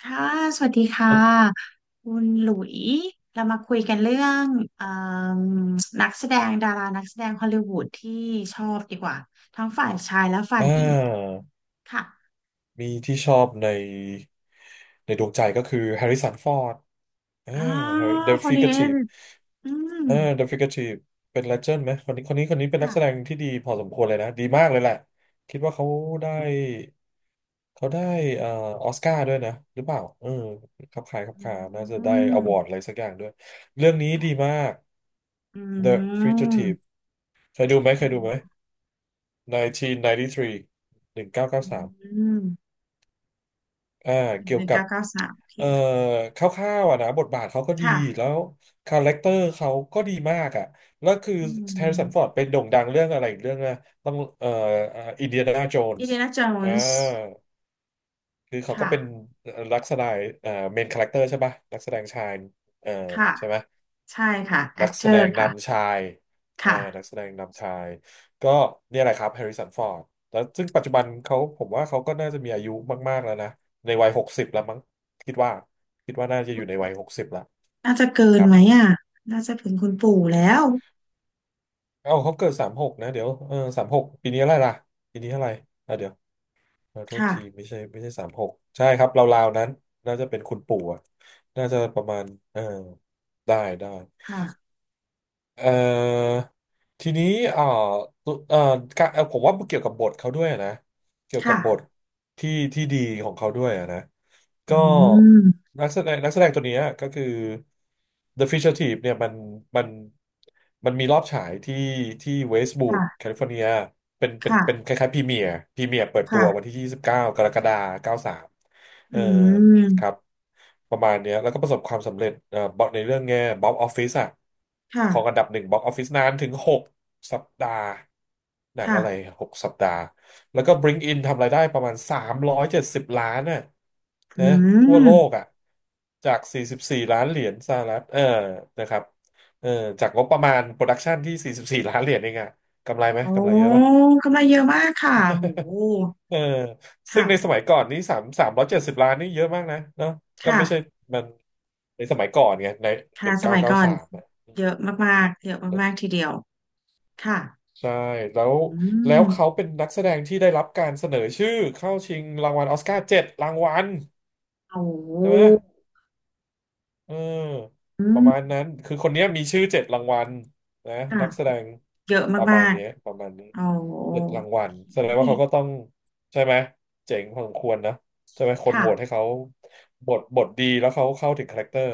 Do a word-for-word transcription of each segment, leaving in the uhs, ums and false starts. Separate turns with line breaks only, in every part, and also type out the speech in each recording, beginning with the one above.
ค่ะสวัสดีค่ะคุณหลุยเรามาคุยกันเรื่องเอิ่มนักแสดงดารานักแสดงฮอลลีวูดที่ชอบดีกว่าทั้งฝ่ายชายและฝ่าย
อ่
หญิง
า
ค่ะ
มีที่ชอบในในดวงใจก็คือแฮร์ริสันฟอร์ดอ่า
อ่า
เดอะ
คน
ฟิก
นี้
ชีฟ
อืม
อ่าเดอะฟิกชีฟเป็นเลเจนด์ไหมคนนี้คนนี้คนนี้เป็นนัก
ค่ะ
แสดงที่ดีพอสมควรเลยนะดีมากเลยแหละคิดว่าเขาได้เขาได้เอ่อออสการ์ด้วยนะหรือเปล่าเออครับคล้ายครับ
อื
คาน่าจะได้อวอร์ด
ม
อะไรสักอย่างด้วยเรื่องนี้ดีมาก
อื
The Fugitive
ม
เคยดูไหมเค
อื
ยดูไหมหนึ่งเก้าเก้าสาม หนึ่งเก้าเก้าสามอยเก้าสิบสามหนึ่งเก้าเกาสาม
ม
อ่าเกี่
ห
ยว
นึ่ง
กับ
เก้าเก้าสามโอเค
เอ่อคร่าวๆอ่ะนะบทบาทเขาก็ดี
ค่ะ
แล้วคาแรคเตอร์เขาก็ดีมากอ่ะแล้วคือ
อื
แฮร์ริสันฟอร์ด
ม
เป็นโด่งดังเรื่องอะไรอีกเรื่องนะต้องเอ่ออินเดียนาโจน
อิน
ส์
เดียนาโจ
อ่า
นส์
คือเขาก็
ค่ะ
เป็นรักษณะเอ่อเมนคาแรคเตอร์ใช่ปะนักแสดงชายเอ่อ
ค่ะ
ใช่ไหม
ใช่ค่ะแอ
นัก
คเต
แส
อ
ด
ร์
งนำ
ค่ะ
ชายอ่า
ค่ะ
นักแสดงนำชาย ก็เนี่ยแหละครับแฮร์ริสันฟอร์ดแล้วซึ่งปัจจุบันเขาผมว่าเขาก็น่าจะมีอายุมากๆแล้วนะ ในวัยหกสิบแล้วมั้งคิดว่าคิดว่าน่าจะอยู่ในวัยหกสิบแล้ว
น่าจะเกิ
ค
น
รับ
ไหมอ่ะ น่าจะถึงคุณปู่แล้ว
เอ้าเขาเกิดสามหกนะเดี๋ยวเออสามหกปีนี้อะไรล่ะปีนี้อะไรอ่ะเดี๋ยวเออโทษ
ค่ะ
ทีไม่ใช่ไม่ใช่สามหกใช่ครับราวๆนั้นน่าจะเป็นคุณปู่อะน่าจะประมาณเออได้ได้
ค่ะ
เอ่อทีนี้เอ่อตุเอ่อการเอ่อผมว่าเกี่ยวกับบทเขาด้วยนะเกี่ยวกั
ค่ะ
บบทที่ที่ดีของเขาด้วยนะ
อื
ก็
ม
นักแสดงนักแสดงตัวเนี้ยก็คือ The Fisher Thief เนี่ยมันมันมันมีรอบฉายที่ที่เวสต์วูด
ค่ะ
แคลิฟอร์เนียเป็นเป็น
ค่ะ
เป็นคล้ายๆพรีเมียร์พรีเมียร์เปิดตั
ค่ะ
ววันที่ยี่สิบเก้ากากรกฎาคมเก้าสามเอ
อื
อ
ม
ครับประมาณเนี้ยแล้วก็ประสบความสำเร็จเอ่อบอกในเรื่องแง่บ็อกออฟฟิศอะ
ค่ะ
ของอันดับหนึ่งบ็อกออฟฟิศนานถึงหกสัปดาห์หนัง
ค่ะ
อะไรหกสัปดาห์แล้วก็ Bring In ทำรายได้ประมาณสามร้อยเจ็ดสิบล้านน่ะ
อื
นะทั่ว
ม
โลกอ่ะจากสี่สิบสี่ล้านเหรียญสหรัฐเออนะครับเออจากงบประมาณโปรดักชันที่สี่สิบสี่ล้านเหรียญเองอ่ะกำไรไหม
โอ้
กำไรเยอะป่ะ
กำไรเยอะมากค่ะโห
เออซึ่
ค่ะ
งในสมัยก่อนนี้สามสามร้อยเจ็ดสิบล้านนี่เยอะมากนะเนาะก็
ค่ะ
ไม่ใช่มันในสมัยก่อนไงในห
ค่ะ
นึ่ง
ส
เก้า
มัย
เก้า
ก่อน
สาม
เยอะมากๆเยอะมากๆทีเดียวค่ะ
ใช่แล้ว
อื
แล้
ม
วเขาเป็นนักแสดงที่ได้รับการเสนอชื่อเข้าชิงรางวัลออสการ์เจ็ดรางวัล
โอ้
ใช่ไหม เออ
อื
ประมาณ
ม
นั้นคือคนเนี้ยมีชื่อเจ็ดรางวัลนะ
ค่ะ
นักแสดง
เยอะ
ประ
มา
มาณ
ก
เนี้ยประมาณนี้
ๆโอ้
เจ็ดรางวัลแส
โอ
ดง
เค
ว่าเขาก็ต้องใช่ไหมเจ๋งพอสมควรนะใช่ไหมคนโหวตให้
ค่ะ
เขาบทบทดีแล้วเขาเข้าถึงคาแรคเตอร์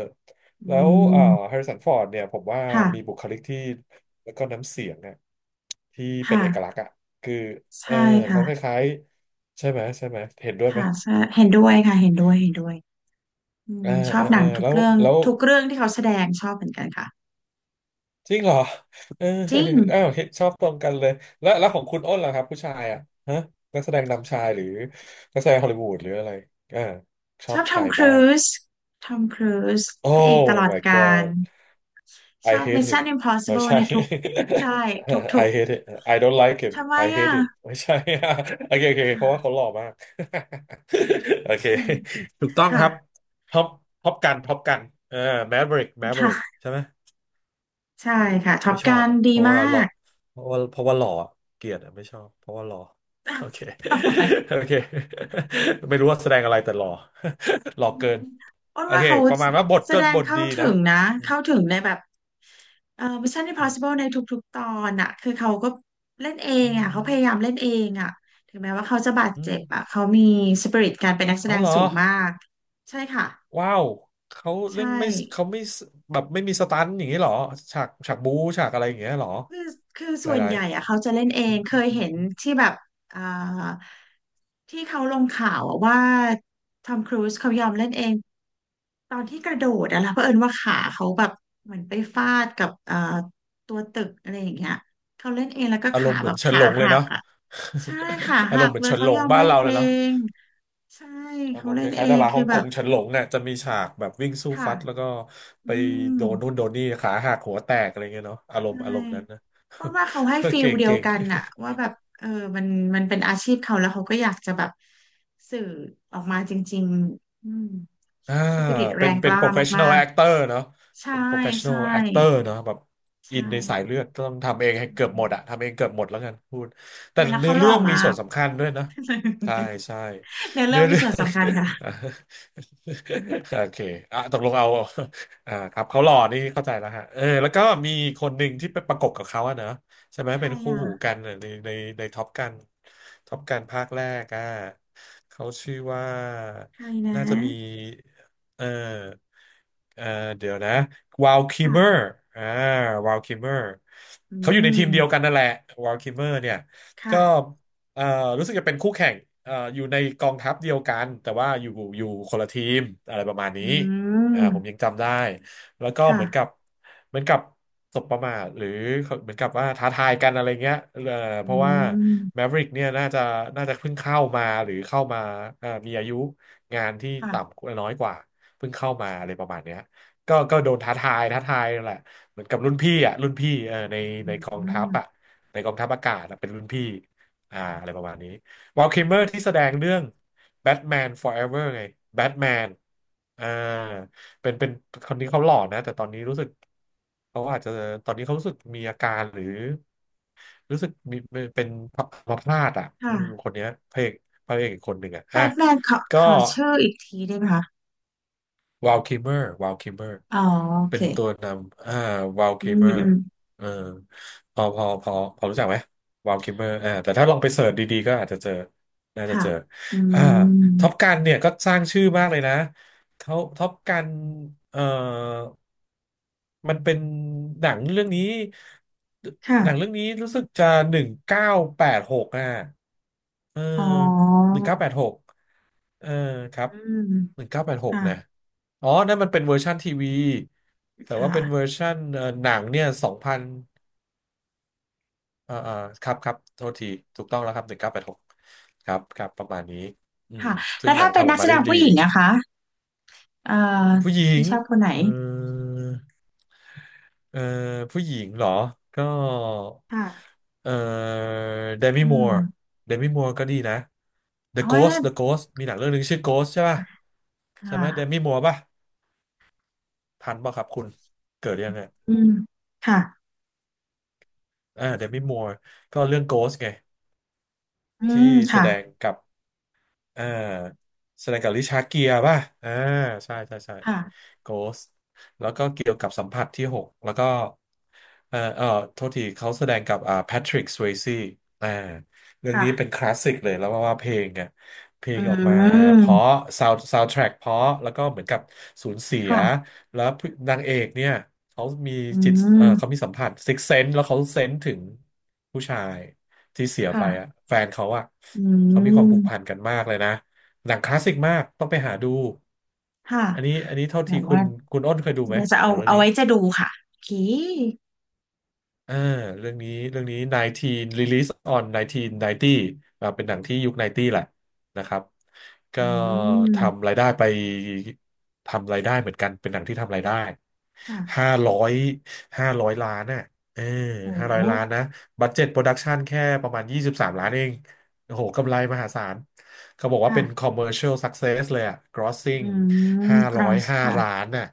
อื
แล้วเอ่อแฮ
ม
ริสันฟอร์ดเนี่ยผมว่า
ค่ะ
มีบุคลิกที่แล้วก็น้ำเสียงเนี่ยที่เป็นเอกลักษ
ค่ะ
ณ์อ่ะคือเออ
ใช่ค่ะ
เขาคล้ายๆใช่ไหมใช่ไหมเห็นด้วยไหม
ค่ะใช่เห็นด้วยค่ะ เห็นด้วยเห็นด้วยอื
เออ
มชอ
เออ
บห
เอ
นั
อ
งทุก
แล้ว
เรื่อง
แล้ว
ทุกเรื่องที่เขาแสดงชอบเหมือนกันค่ะ
จริงเหรอเออ
จริง
อ้าวเห็นชอบตรงกันเลยแล้วแล้วของคุณอ้นล่ะครับผู้ชายอ่ะฮะนักแสดงนำชายหรือนักแสดงฮอลลีวูดหรืออะไรอ่าช
ช
อ
อ
บ
บ
ใค
ทอ
ร
มค
บ้า
รู
ง
ซทอมครูซ
โอ้
พระเอกตลอด
my
กาล
god
ช
I
อบ
hate him
Mission
ไม่
Impossible
ใช่
ในทุก ใช่ ทุ
I
ก
hate it I don't like
ๆ
him
ทำไม
I
อ่ะ
hate him ไม่ใช่ โอเคโอเคเพราะว่าเขาหล่อมาก โอเค
อืม
ถูกต้องค
ค่ะ
รับท็อปท็อปกันท็อปกันเออแมเวริกแมเวริก
ค่ะ
ใช่ไหม
ใช่ค่ะท็อ
ไม่
ป
ชอ
กั
บ
น
อ่ะ
ดี
เพราะว่า
มา
หล่อ
ก
เพราะว่าเพราะว่าหล่ออะเกลียดอ่ะไม่ชอบเพราะว่าหล่อ โอเค โอเค ไม่รู้ว่าแสดงอะไรแต่หล่อ หล่อ
อืม
เกิน
อ้น
โอ
ว่า
เค
เขา
ประมาณว่าบท
แส
ก็
ด
บ
ง
ท
เข้า
ดี
ถึ
นะ
งนะ
อืม
เข้าถึงในแบบเอ่อ Mission Impossible ในทุกๆตอนอะคือเขาก็เล่นเอง
อื
อะเขา
ม
พยายามเล่นเองอะถึงแม้ว่าเขาจะบาด
อื
เจ็บอะ
ม
เขามีสปิริตการเป็นนักแส
อ๋อ
ดง
เหรอ
สูงมากใช่ค่ะ
ว้าวเขา
ใช่
เรื่องไม่เขาไม่แบบไม่มีสตันท์อย่างนี้เหรอฉากฉากบู๊ฉากอะไรอย่างเงี้ยเหรอ
คือคือ
ห
ส่วน
ลาย
ใหญ่อะเขาจะเล่นเอ
ๆอื
ง
ม
เค
อืม
ยเห็น
อืม
ที่แบบอ่าที่เขาลงข่าวอะว่าทอมครูซเขายอมเล่นเองตอนที่กระโดดอะนะเผอิญว่าขาเขาแบบเหมือนไปฟาดกับเอ่อตัวตึกอะไรอย่างเงี้ยเขาเล่นเองแล้วก็
อาร
ขา
มณ์เห
แบ
มือน
บ
เฉิน
ขา
หลงเลย
หัก
เนาะ
อะใช่ขา
อาร
หั
มณ์
ก
เหมือน
เลย
เฉินห
เขา
ล
ย
ง
อม
บ้าน
เล่น
เราเล
เอ
ยเนาะ
งใช่
อาร
เขา
มณ์
เล่
ค
นเอ
ล้ายๆดา
ง
รา
คื
ฮ่
อ
อง
แบ
ก
บ
งเฉินหลงเนี่ยจะมีฉากแบบวิ่งสู้
ค่ะ
ฟัดแล้วก็
อื
ไป
ม
โดนนู่นโดนนี่ขาหักหัวแตกอะไรเงี้ยเนาะอารม
ใช่
ณ์อารมณ์นั้นนะ
ว่าว่าเขาให้ ฟีล
เก่ง
เดียว
เก่ง
กันอะว่าแบบเออมันมันเป็นอาชีพเขาแล้วเขาก็อยากจะแบบสื่อออกมาจริงๆอืม
อ่า
สปิริตแร
เป็น
งก
เป็น
ล้ามา
professional
ก
actor เนาะ
ๆใช่
เป็น professional
ใช่
actor เนาะแบบอิ
ใช่
นในสายเลือดต้องทำเองให้เกือบหมดอะทำเองเกือบหมดแล้วกันพูดแต่
เวลา
เนื้
เขา
อ
หล่อ
เรื่องมี
มา
ส่ว
ก
นสำคัญด้วยนะใช่ ใช่
เนื้อเรื่
เนื้
อง
อ
มี
เรื่อ
ส่วน
ง
สำคัญค่ะ
โอเคอ่ะตกลงเอาอ่าครับเขาหล่อนี่เข้าใจแล้วฮะเออแล้วก็มีคนหนึ่งที่ไปประกบกับเขาอะเนอะใช่ไหม
ใคร
เป็นคู่หู
อ่ะ
กันในในในท็อปกันท็อปกันภาคแรกอะเขาชื่อว่า
ใครนะ
น่าจะมี เออเออเดี๋ยวนะวาลคิม
ค่ะ
เมอร์อ่าวาลคิมเมอร์
อื
เขาอยู่ในทีมเดียว
ม
กันนั่นแหละวาลคิมเมอร์เนี่ยก็
ค่ะ
เออรู้สึกจะเป็นคู่แข่งเอออยู่ในกองทัพเดียวกันแต่ว่าอยู่อยู่คนละทีมอะไรประมาณ
อื
นี้อ่าผมยั
ม
งจำได้ แล้วก็เหมือนกั
ค่ะ
บเหมือนกับสบประมาทหรือเหมือนกับว่าท้าทายกันอะไรเงี้ยเออ
อื
เพราะว่าแม
ม
ฟริกเนี่ยน่าจะน่าจะเพิ่งเข้ามาหรือเข้ามาเอ่อมีอายุงานที่ต่
ค่ะ
ำน้อยกว่าเพิ่งเข้ามาอะไรประมาณเนี้ยก็ก็โดนท้าทายท้าทายแหละเหมือนกับรุ่นพี่อ่ะรุ่นพี่เออใน
อื
ในกองทัพอ่ะ
ม
ในกองทัพอากาศอะเป็นรุ่นพี่อ่าอะไรประมาณนี้วอลคิมเมอร์ที่แสดงเรื่องแบทแมน Forever ไงแบทแมนอ่า เป็นเป็นคนนี้เขาหล่อนะแต่ตอนนี้รู้สึกเขาอาจจะตอนนี้เขารู้สึกมีอาการหรือรู้สึกมีเป็นอัมาพาดอ่ะอืมค
ค่ะ
นเนี้ยพระเอกพระเอกอีกคนหนึ่งอ่ะ
แบ
อ่ะ
ทแมนขอ
ก็
ขอชื่ออีกทีได้ไหมคะ
วาลคิมเมอร์วาลคิมเมอร์
อ๋อโอ
เป็
เค
นตัวนำอ่าวาล
อื
คิม
ม
เมอ
อื
ร์
ม
เออพอพอพอพอรู้จักไหมวาลคิมเมอร์อ่าแต่ถ้าลองไปเสิร์ชดีๆก็อาจจะเจอน่าจะ
ค่ะ
เจอ
อื
อ่า
ม
ท็อปกันเนี่ยก็สร้างชื่อมากเลยนะเขาท็อปกันเอ่อ มันเป็นหนังเรื่องนี้หนังเรื่อง
ค่ะ
นี้รู้สึกจะหนึ่งเก้าแปดหกอ่ะเออ
อ๋อ
หนึ่งเก้าแปดหกเออครับ
อืม
หนึ่งเก้าแปดหก
ค่ะ
นะอ๋อนั่นมันเป็นเวอร์ชันทีวีแต่ว่า
ค่ะ
เป็นเวอร์ชันเอ่อหนังเนี่ยสองพันเอ่อเอ่อครับครับโทษทีถูกต้องแล้วครับหนึ่งเก้าแปดหกครับครับประมาณนี้อืม
ค่ะ
ซึ่
แล้
ง
ว
หนั
ถ้า
ง
เป็น
ทำอ
นั
อก
กแส
มา
ด
ได้
ง
ดี
ผู้หญิงนะคะ เอ่อ
ผู้หญิ
ที่
ง
ชอบคนไหน
เออ เอ่อผู้หญิงเหรอ ก็
ค่ะ
เอ่อเดมิ
อื
มัวร์
ม
เดมิมัวร์ก็ดีนะ The
โอ้ย
Ghost The Ghost มีหนังเรื่องหนึงชื่อ Ghost ใช่ป่ะ
ค
ใช่ไหมเด
่ะ
มิมัวร์ป่ะทันป่ะครับคุณเกิดยังไง
อืมค่ะ
อ่าเดมิมัวร์ก็เรื่อง Ghost ไง
อื
ที่
ม
แส
ค่ะ
ดงกับ อ่าแสดงกับริชาร์ดเกียร์ป่ะอ่าใช่ใช่ใช่
ค่ะ
โกสแล้วก็เกี่ยวกับสัมผัสที่หกแล้วก็เอ่อเอ่อโทษทีเขาแสดงกับอ่าแพทริกสเวซี่อ่าเรื่องนี้เป็น
ค่ะ
คลาสสิกเลยแล้วว่าเพลงอ่ะเพล
อื
งออกมาเพราะ
ม
ซาวซาวด์แทร็กเพราะแล้วก็เหมือนกับสูญเสีย
ค่ะ
แล้วนางเอกเนี่ยเขามี
อื
จิตเอ่อเขา
ม
มีสัมผัสซิกเซนส์แล้วเขาเซนส์ถึงผู้ชายที่เสียไปอ่ะ
ค่ะ
แฟนเขาอ่ะ
อื
เขามีความผูกพัน
ม
กันมากเลยนะหนังคลาสสิกมากต้องไปหาดู
ค่ะ
อันนี้อันนี้เท่า
เดี๋ย
ที่
ว
คุ
ว่า
ณคุณอ้นเคยดูไหม
เดี๋ยวจะ
ห
เอา
นังเรื่อง
เอา
นี้
ไว้จะดูค่ะโอเค
อ่าเรื่องนี้เรื่องนี้สิบเก้า Release on หนึ่งเก้าเก้าศูนย์อ่าเป็นหนังที่ยุคเก้าสิบแหละนะครับก็
อืม
ทำรายได้ไปทำรายได้เหมือนกันเป็นหนังที่ทำรายได้
ค่ะ
ห้าร้อยห้าร้อยล้านน่ะเออ
โอ้
ห้าร้อยล้านนะบัดเจ็ตโปรดักชันแค่ประมาณยี่สิบสามล้านเองโอ้โหกำไรมหาศาลเขาบอกว่า
ค่ะ
เป็น commercial success เลยอะ
อื
grossing
ม
ห้า
ก r
ร้
u
อย
n
ห้าล้า
ค่ะ
นน่ะ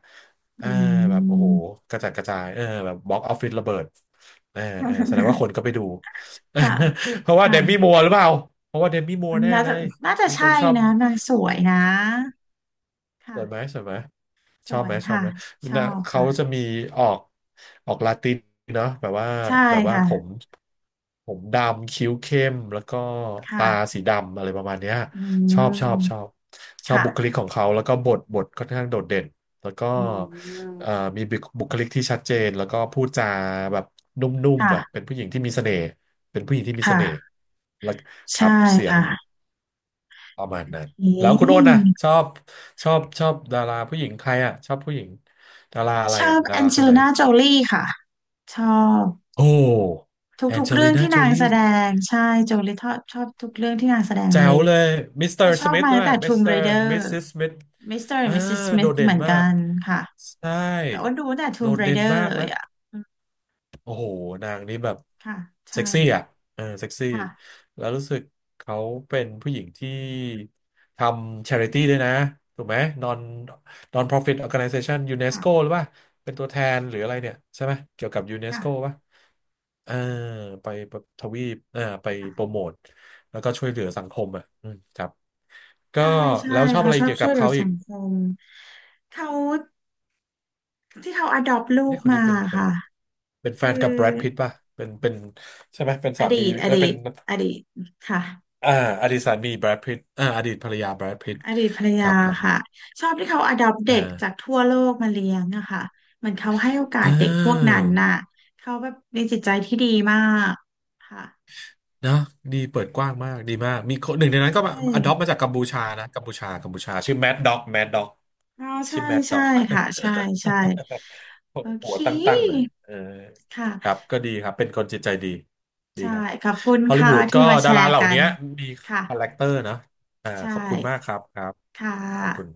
เออ
อื
แบบโอ้โห
ม
กระจัดกระจายเออแบบบ็อกออฟฟิศระเบิด เออเออแสดงว่าคน ก็ไปดู
ค่ะ
เพราะว่าเด
ค่ะ
มี่มัวร์หรือเปล่าเพราะว่าเดมี่มัวร์แน่
น่า
เล
จะ
ย
น่าจะ
มีค
ใช่
นชอบ
นะนางสวยนะ
ส
ค่ะ
วยไหมสวยไหม
ส
ชอบ
ว
ไหม
ย
ชอบ
ค่ะ
ไหม
ชอ
นะ
บ
เขาจะ
ค่ะ
มีออกออกลาตินเนาะแบบว่า
ใช่
แบบว่า
ค่ะ
ผมผมดำคิ้วเข้มแล้วก็
ค่ะ
ตาสีดำอะไรประมาณเนี้ย
อื
ชอบชอบชอ
ม
บชอบบุคลิก
ค่ะ
ของเขาแล้วก็บทบทค่อนข้างโดดเด่นแล้วก็
อืม
เอ่อมีบุคบุคลิกที่ชัดเจนแล้วก็พูดจาแบบนุ่มๆอ่ะเป็น
ค่ะ
ผู้หญิงที่มีเสน่ห์เป็นผู้หญิงที่มีเส
ค่ะ
น่ห์แล้วค
ใช่
รับเสียง
ค่ะ
ประมาณนั้น
เอ๊
แล้วคุณโอ้นนะชอ
ะ
บชอบชอบดาราผู้หญิงใครอ่ะชอบผู้หญิงดาราอะไร
ชอ
อ่ะ
บ
ดา
แอ
รา
งเจ
คนไห
ลิ
น
น่าโจลี่ค่ะ ชอบ
โอ้
ท
แอ
ุ
น
ก
เจ
ๆเรื่อ
ลิ
ง
น่า
ที่
โจ
นาง
ลี
แสดงใช่โจลิทชอบชอบทุกเรื่องที่นางแสดง
แจ๋
เลย
วเลยมิสเต
เธ
อ
อ
ร์
ช
ส
อบ
มิธ
มา
ด้
ตั้
ว
ง
ย
แต่
มิส
Tomb
เตอร์
Raider
มิสซิสสมิธ
มิสเตอร์
อ่า
and มิสซิส
โด
Smith
ดเด่
เห
น
มือน
มา
กั
ก
นค่ะ
ใช่
แต่ว้นดูตั้งแต่
โด
Tomb
ดเด่น
Raider
มาก
เลย
นะ
อ่ะอืม
โอ้โหนางนี้แบบ
ค่ะใช่
เซ็กซี่อ่ะเออเซ็กซี่
ค่ะ
แล้วรู้สึกเขาเป็นผู้หญิงที่ทำช h ริตี้ด้วยนะถูกไหม non non profit organization UNESCO
ค่ะ
หรือว่าเป็นตัวแทนหรืออะไรเนี่ยใช่ไหมเกี่ยวกับ
ค่ะ
UNESCO ป่ะเออไปทวีปเออไปโปร
ค่ะ
โมทแล้วก็ช่วยเหลือสังคมอ่ะอืมครับก็
ใช่ใช่
แล้วชอบ
เขา
อะไร
ชอบ
เกี่ยว
ช่
กั
วย
บ
เหลือ
เขาอี
สั
ก
งคมเขาที่เขา adopt ลู
เนี่
ก
ยคนนี้
มา
เป็นแฟ
ค่ะ
นเป็นแฟ
คือ
นกับแบรดพิตต์ป่ะเป็นเป็นใช่ไหมเป็น
อ
สา
ดี
มี
ตอ
เออ
ดี
เป็น
ตอดีตค่ะ
อ่าอดีตสามีแบรดพิตอ่าอดีตภรรยาแบรดพิต
อดีตภรร
ค
ยา
รับครับ
ค่ะชอบที่เขาอดอปเด็
อ่า
กจากทั่วโลกมาเลี้ยงอะค่ะเหมือนเขาให้โอ
เ
กาสเด็กพวก
ออ
นั้นน่ะเขาแบบมีจิตใจที่ดีมากค่ะ
เนอะดีเปิดกว้างมากดีมากมีคนห
ใช่
นึ่งในนั้
ใช
นก็
่
อดอปมาจากกัมพูชานะกัมพูชากัมพูชาชื่อแมดด็อกแมดด็อก
อ๋อ
ชื่
ใช่
อแมดด็
ใช่
อก
ค่ะใช่ใช่โอ
หั
เค
วตั้งๆเลยเออครั
ค่ะ
บก็ดีครับเป็นคนจิตใจดีดีค
ใช่
รับ
ขอบคุณ
ฮอลลี
ค่ะ
วูดก็
ที่มาแช
ดารา
ร์
เหล่า
กัน
นี้มี
ค่ะ
คาแรคเตอร์นะอ่า
ใช่
ขอบคุณมากครับครับ
ค่ะ
ขอบคุณ